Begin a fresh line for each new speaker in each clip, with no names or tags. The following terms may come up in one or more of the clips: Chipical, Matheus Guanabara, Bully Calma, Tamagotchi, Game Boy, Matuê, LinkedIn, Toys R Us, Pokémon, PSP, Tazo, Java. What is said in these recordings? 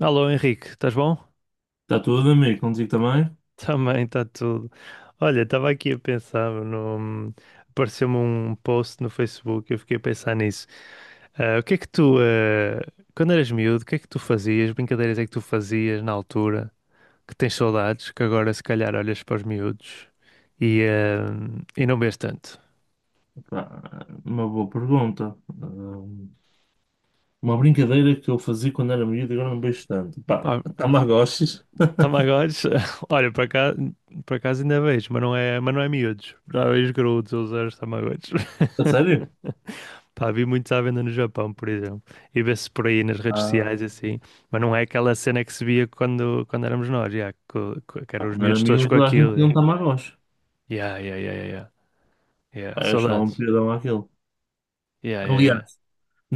Alô Henrique, estás bom?
Está tudo, amigo, contigo também?
Também está tudo. Olha, estava aqui a pensar no. Apareceu-me um post no Facebook e eu fiquei a pensar nisso. O que é que tu quando eras miúdo, o que é que tu fazias? Brincadeiras é que tu fazias na altura? Que tens saudades, que agora se calhar olhas para os miúdos e e não vês tanto.
Pá, uma boa pergunta. Uma brincadeira que eu fazia quando era miúdo e agora não vejo tanto. Pá,
Pá,
Tamagotchis.
Tamagotchis, olha, para cá, por acaso ainda vejo, mas não é miúdos. Já vejo graúdos a usar os Tamagotchis.
A sério?
Pá, vi muitos à venda no Japão, por exemplo, e vê-se por aí nas redes
Ah.
sociais e assim, mas não é aquela cena que se via quando éramos nós, já que
Pá,
eram os
quando era
miúdos todos
miúdo
com
toda a gente
aquilo.
tinha
Já,
um Tamagotchi.
yeah, yeah, yeah, yeah, yeah, yeah,
Pá, eu achava um
saudades.
piadão aquilo.
Yeah, yeah, yeah.
Aliás,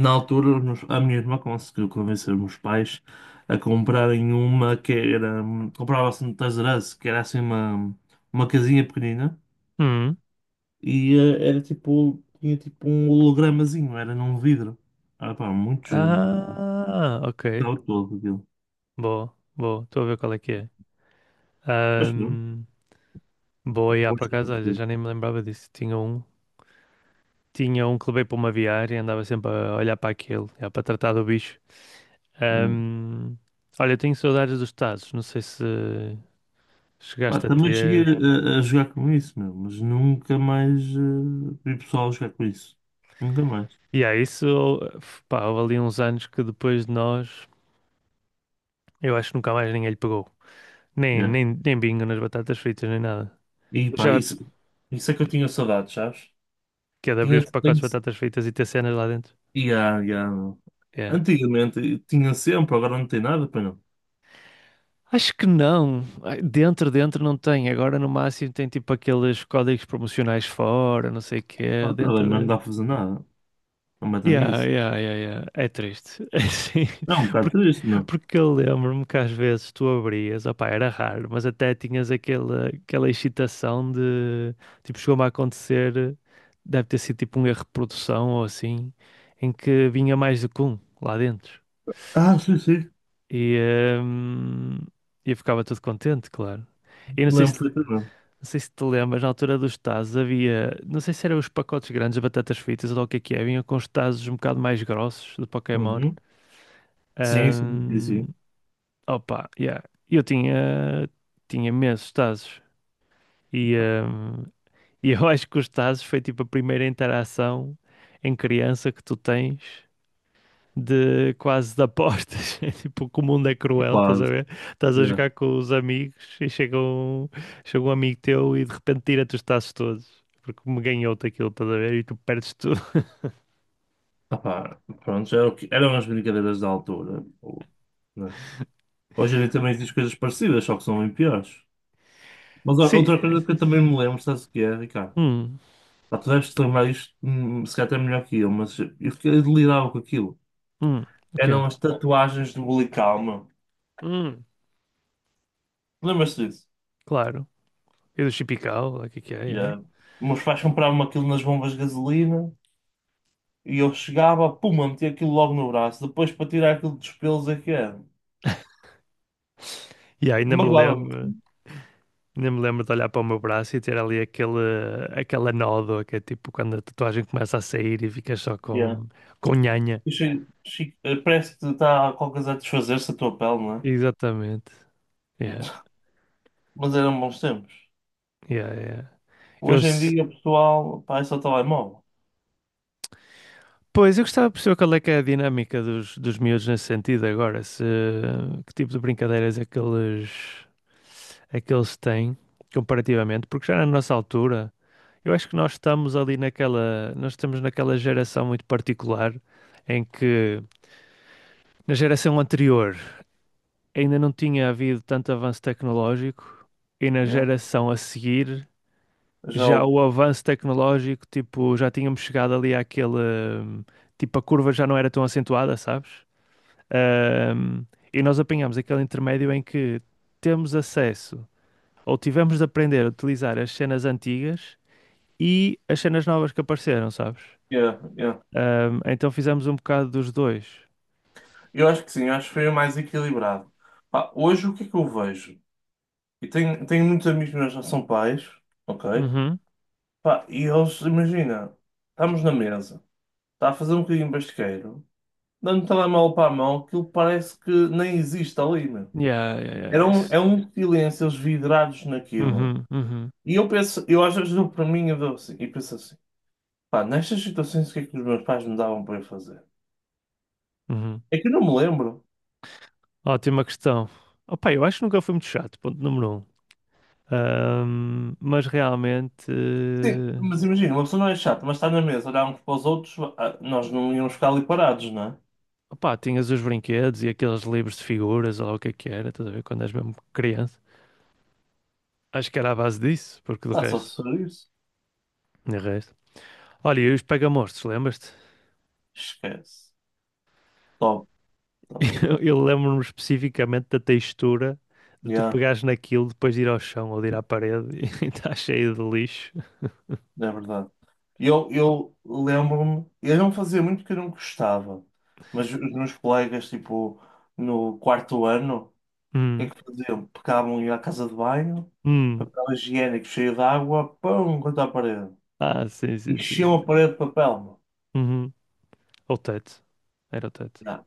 na altura a minha irmã conseguiu convencer os meus pais a comprarem uma que era... comprava-se no Toys R Us, que era assim uma casinha pequenina.
Hum.
E era tipo, tinha tipo um hologramazinho, era num vidro. Ah, pá, muito giro, não.
Ah, ok.
Ficava todo aquilo.
Boa, boa. Estou a ver qual é que é.
Mas pronto,
Ahm, boa, yeah,
vou
por
já
acaso, olha,
perceber,
já nem me lembrava disso. Tinha um que levei para uma viária e andava sempre a olhar para aquilo, yeah, para tratar do bicho.
né?
Ahm, olha, tenho saudades dos Tazos, não sei se
Pá,
chegaste a
também cheguei
ter.
a jogar com isso, meu, mas nunca mais vi pessoal a jogar com isso. Nunca mais.
E há isso, pá, houve ali uns anos que depois de nós, eu acho que nunca mais ninguém lhe pegou. Nem,
Yeah.
nem, nem bingo nas batatas fritas, nem nada.
E pá,
Já
isso é que eu tinha saudades, sabes?
que é de abrir os pacotes
Tenho,
de batatas fritas e ter cenas lá dentro?
yeah, yeah, meu.
É.
Antigamente tinha sempre, agora não tem nada, pá, não.
Acho que não. Ai, dentro não tem. Agora no máximo tem tipo aqueles códigos promocionais fora, não sei o quê.
Ah, tá bem,
Dentro
mas não
da.
dá para fazer nada. Não metam
Yeah,
isso.
yeah, yeah, yeah. É triste. É assim,
É um bocado
porque,
triste, meu.
porque eu lembro-me que às vezes tu abrias, opá, era raro, mas até tinhas aquela excitação de, tipo, chegou-me a acontecer, deve ter sido tipo um erro de produção ou assim, em que vinha mais do que um lá dentro.
Ah, sim, sim.
E, hum, e eu ficava todo contente, claro. E não sei se,
Lembro perfeitamente.
não sei se te lembras, na altura dos tazos havia, não sei se eram os pacotes grandes de batatas fritas ou lá o que é, vinha com os tazos um bocado mais grossos de Pokémon.
Uhum. Sim, sim, sim,
Ahm,
sim.
opa, yeah. Eu tinha, Tinha imensos tazos. E,
Pá,
ahm, e eu acho que os tazos foi tipo a primeira interação em criança que tu tens de quase de apostas. É tipo que o mundo é
é
cruel, estás a
quase.
ver? Estás a
É.
jogar com os amigos e chega um amigo teu e de repente tira-te os tazos todos. Porque me ganhou-te aquilo, estás a ver? E tu perdes tudo.
Ah, pá, pronto, já era o que, eram as brincadeiras da altura. Ou, né? Hoje em dia também diz coisas parecidas, só que são bem piores. Mas ó, outra coisa que eu
Sim.
também me lembro, sabes o que é, Ricardo?
Hum,
Pá, tu deves te lembrar isto, se calhar até melhor que eu, mas eu delirava com aquilo.
hum, o quê?
Eram as tatuagens do Bully Calma.
Hum,
Lembras-te disso?
claro. E do Chipical, o que é que é? É?
Yeah. Meus pais compravam aquilo nas bombas de gasolina. E eu chegava, puma, metia aquilo logo no braço. Depois, para tirar aquilo dos pelos, é que é.
E
Magoava-me.
ainda me lembro de olhar para o meu braço e ter ali aquela nódoa que é tipo quando a tatuagem começa a sair e ficas só
Yeah.
com nhanha.
E parece que está qualquer coisa a desfazer-se a tua pele, não é?
Exatamente. Yeah,
Mas eram bons tempos.
yeah, yeah. Eu,
Hoje em
s-
dia, pessoal, pá, é só telemóvel.
pois, eu gostava de perceber qual é que é a dinâmica dos miúdos nesse sentido agora. Se, que tipo de brincadeiras é que é que eles têm comparativamente, porque já na nossa altura, eu acho que nós estamos ali naquela, nós estamos naquela geração muito particular em que na geração anterior ainda não tinha havido tanto avanço tecnológico e na
Yeah.
geração a seguir
Já
já
o.
o avanço tecnológico, tipo, já tínhamos chegado ali àquele, hum, tipo, a curva já não era tão acentuada, sabes? Hum, e nós apanhamos aquele intermédio em que temos acesso ou tivemos de aprender a utilizar as cenas antigas e as cenas novas que apareceram, sabes?
Yeah, yeah.
Então fizemos um bocado dos dois.
Eu acho que sim, eu acho que foi mais equilibrado. Pá, hoje o que é que eu vejo? E tenho muitos amigos meus que já são pais, ok?
Uhum.
Pá, e eles, imagina, estamos na mesa, está a fazer um bocadinho de basqueiro. Dando telemóvel para a mão, aquilo parece que nem existe ali, meu.
Yeah, yeah, yeah, isso.
É um silêncio, eles vidrados naquilo.
Uhum, uhum,
E eu penso, eu às vezes dou para mim eu dou assim, e penso assim, pá, nestas situações o que é que os meus pais me davam para eu fazer?
uhum.
É que eu não me lembro.
Ótima questão. Opa, eu acho que nunca fui muito chato, ponto número um. Ahm, mas realmente,
Sim,
eh,
mas imagina, uma pessoa não é chata, mas está na mesa, olhar uns para os outros, ah, nós não íamos ficar ali parados, não é?
opa, tinhas os brinquedos e aqueles livros de figuras, ou lá o que é que era, estás a ver, quando és mesmo criança. Acho que era à base disso, porque de
Pá, só
resto,
se for isso.
de resto. Olha, e os pega-monstros, lembras-te?
Esquece. Top, top.
Eu lembro-me especificamente da textura de tu pegares naquilo depois de ir ao chão ou de ir à parede e está cheio de lixo.
É verdade. Eu lembro-me, eu não fazia muito porque eu não gostava, mas os meus colegas, tipo, no quarto ano, o que é
Hum,
que faziam? Pegavam e à casa de banho,
hum.
papel higiênico cheio de água, pão, contra a parede.
Ah, sim, sim, sim,
Enchiam a
sim.
parede de papel, meu.
Uhum. Ou teto. Era o teto.
Ya.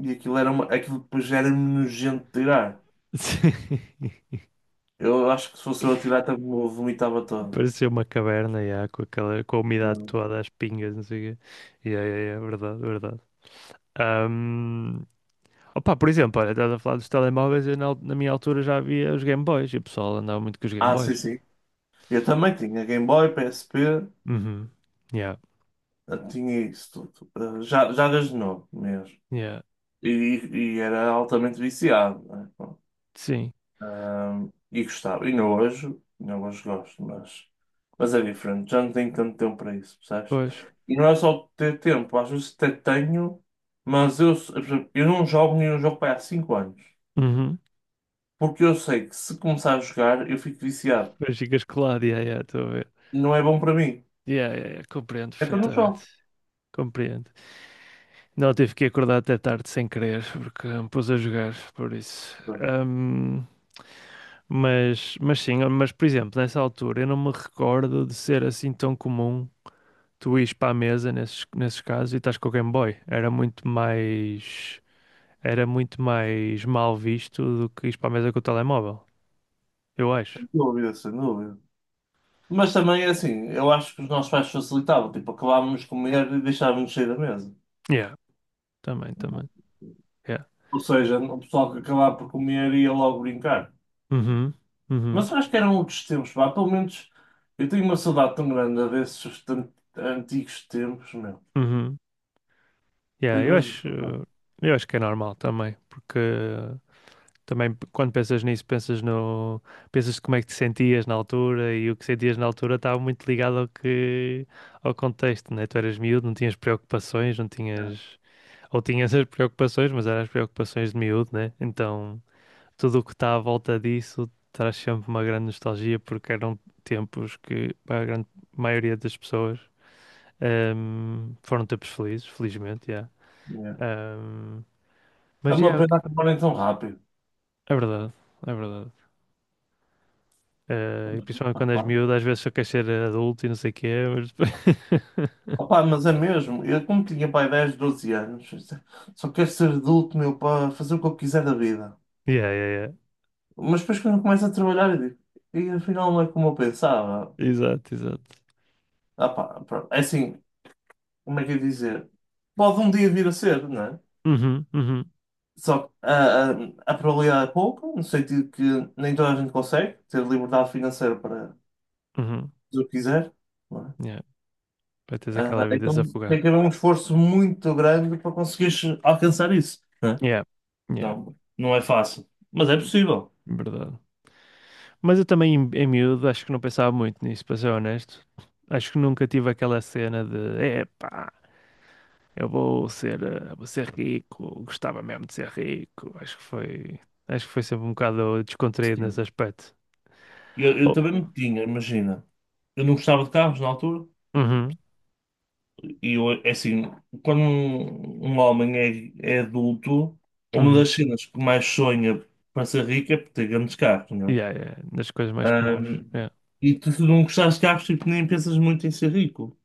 E aquilo depois era nojento de tirar.
Sim.
Eu acho que se fosse eu a tirar, também me vomitava todo.
Parecia uma caverna, já, com aquela, com a umidade
Não.
toda, as pingas, não sei o quê. Yeah, yeah, yeah, verdade, verdade. Ahm, Opa, por exemplo, olha, estás a falar dos telemóveis, eu na minha altura já havia os Game Boys e o pessoal andava muito com os Game
Ah, sim,
Boys.
sim. Eu também tinha Game Boy, PSP.
Uhum. Yeah,
Ah, tinha isso tudo. Ah, já, Jagas de novo mesmo.
yeah.
E, e era altamente viciado. Né? Bom,
Sim,
ah, e gostava. E não hoje, não hoje gosto, mas é diferente. Já não tenho tanto tempo para isso, percebes?
pois.
E não é só ter tempo, às vezes até tenho, mas eu, por exemplo, eu não jogo nenhum jogo para aí há 5 anos.
Uhum.
Porque eu sei que se começar a jogar eu fico viciado.
Pois ficas colado, yeah, yeah, estou a ver.
E não é bom para mim.
Yeah, yeah, yeah, compreendo
É que eu Yeah. não
perfeitamente.
jogo.
Compreendo. Não, tive que acordar até tarde sem querer, porque me pus a jogar, por isso. Mas sim, mas por exemplo, nessa altura eu não me recordo de ser assim tão comum tu ires para a mesa nesses casos e estás com o Game Boy. Era muito mais mal visto do que ires para a mesa com o telemóvel, eu acho.
Sem dúvida, sem dúvida. Mas também é assim, eu acho que os nossos pais facilitavam, tipo, acabávamos de comer e deixávamos sair da mesa.
Yeah, também,
Uhum.
também. Yeah.
Ou seja, o pessoal que acabava por comer ia logo brincar.
Uhum, uhum,
Mas eu acho que eram outros tempos, pá. Pelo menos eu tenho uma saudade tão grande antigos tempos, meu.
uhum. Yeah,
Tenho
eu
mesmo
acho,
saudade.
eu acho que é normal também, porque quando pensas nisso, pensas no, pensas como é que te sentias na altura e o que sentias na altura estava muito ligado ao que, ao contexto, né? Tu eras miúdo, não tinhas preocupações, não
É,
tinhas, ou tinhas as preocupações, mas eram as preocupações de miúdo, né? Então, tudo o que está à volta disso traz sempre uma grande nostalgia porque eram tempos que para a grande maioria das pessoas foram tempos felizes, felizmente, yeah.
é.
Ehm,
É
mas
uma
yeah,
pena acabarem tão rápido.
é verdade, é verdade. Eh, principalmente quando és
Opa,
miúdo, às vezes só queres ser adulto e não sei o quê, mas.
opá, mas é mesmo. Eu, como tinha pai 10 12 anos, só quero ser adulto, meu, para fazer o que eu quiser da vida.
Yeah, yeah, yeah.
Mas depois quando começo a trabalhar, eu digo, e afinal não é como eu pensava.
Exato, exato.
Ah, pá, pronto. É assim, como é que eu ia dizer? Pode um dia vir a ser, não é?
Uhum, uhum,
Só que a probabilidade é pouca, no sentido que nem toda a gente consegue ter liberdade financeira para
uhum.
fazer o que quiser, não é?
Yeah. Para teres aquela
Ah,
vida
então
desafogada.
tem que haver um esforço muito grande para conseguires alcançar isso, não é?
Yeah, yeah,
Não, não é fácil, mas é possível.
verdade. Mas eu também, em miúdo, acho que não pensava muito nisso, para ser honesto. Acho que nunca tive aquela cena de, epá, eu vou ser, eh, vou ser rico, gostava mesmo de ser rico. Acho que foi sempre um bocado descontraído nesse
Sim.
aspecto.
Eu também
Oh,
me tinha, imagina. Eu não gostava de carros na altura.
uhum,
E eu, é assim, quando um homem é adulto, uma das
uhum.
cenas que mais sonha para ser rico é por ter grandes carros, não
Yeah,
é?
yeah, das coisas mais comuns.
Ahm,
Yeah.
e tu, se não gostares de carros, tipo, nem pensas muito em ser rico.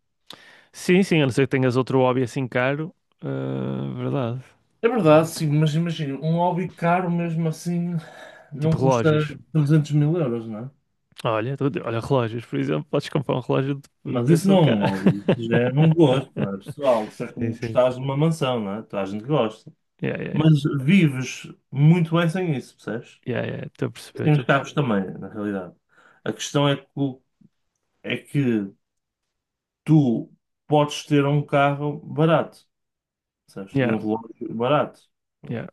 Sim, sim, a não ser que tenhas outro hobby assim caro. Ah, verdade,
É verdade,
verdade.
sim, mas imagina, um hobby caro mesmo assim não
Tipo
custa
relógios.
300 mil euros, não é?
Olha, olha, relógios, por exemplo, podes comprar um relógio de
Mas isso
preço de
não
um
é um
cara.
hobby, isso já é um gosto, não é, pessoal? Isso é
Sim,
como
sim,
gostares de
sim.
uma mansão, não é? Toda a gente gosta.
Yeah, yeah, yeah.
Mas vives muito bem sem isso, percebes?
Yeah, yeah, estou a perceber,
Tem
estou
os
a
carros
perceber.
também, na realidade. A questão é que, é que tu podes ter um carro barato, sabes? E
Yeah,
um relógio barato.
yeah.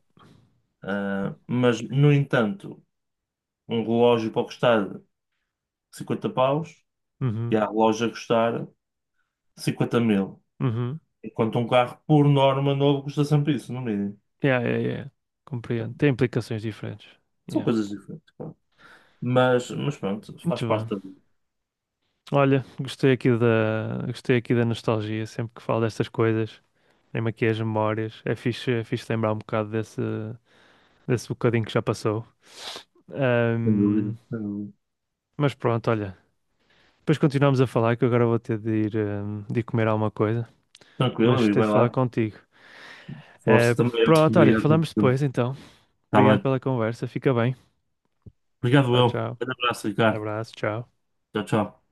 Ah, mas, no entanto, um relógio pode custar 50 paus e
Uhum,
há relógio a custar 50 mil.
uhum.
Enquanto um carro, por norma, novo custa sempre isso, no mínimo.
Yeah, yeah, yeah. Compreendo.
Então,
Tem implicações diferentes.
são
Yeah.
coisas diferentes, claro. Mas pronto, faz
Muito
parte da
bem.
vida.
Olha, gostei aqui da nostalgia, sempre que falo destas coisas. Lembro aqui as memórias. É fixe lembrar um bocado desse bocadinho que já passou.
Sem dúvida,
Ahm,
sem dúvida.
mas pronto, olha. Depois continuamos a falar, que eu agora vou ter de ir comer alguma coisa. Mas
Tranquilo, e
gostei
vai
de falar
lá.
contigo.
Força
Eh,
também.
pronto, olha,
Obrigado.
falamos depois então.
Está
Obrigado
bem.
pela conversa. Fica bem.
Obrigado,
Tchau,
eu. Um
tchau.
grande abraço, Ricardo.
Abraço, tchau.
Tchau, tchau.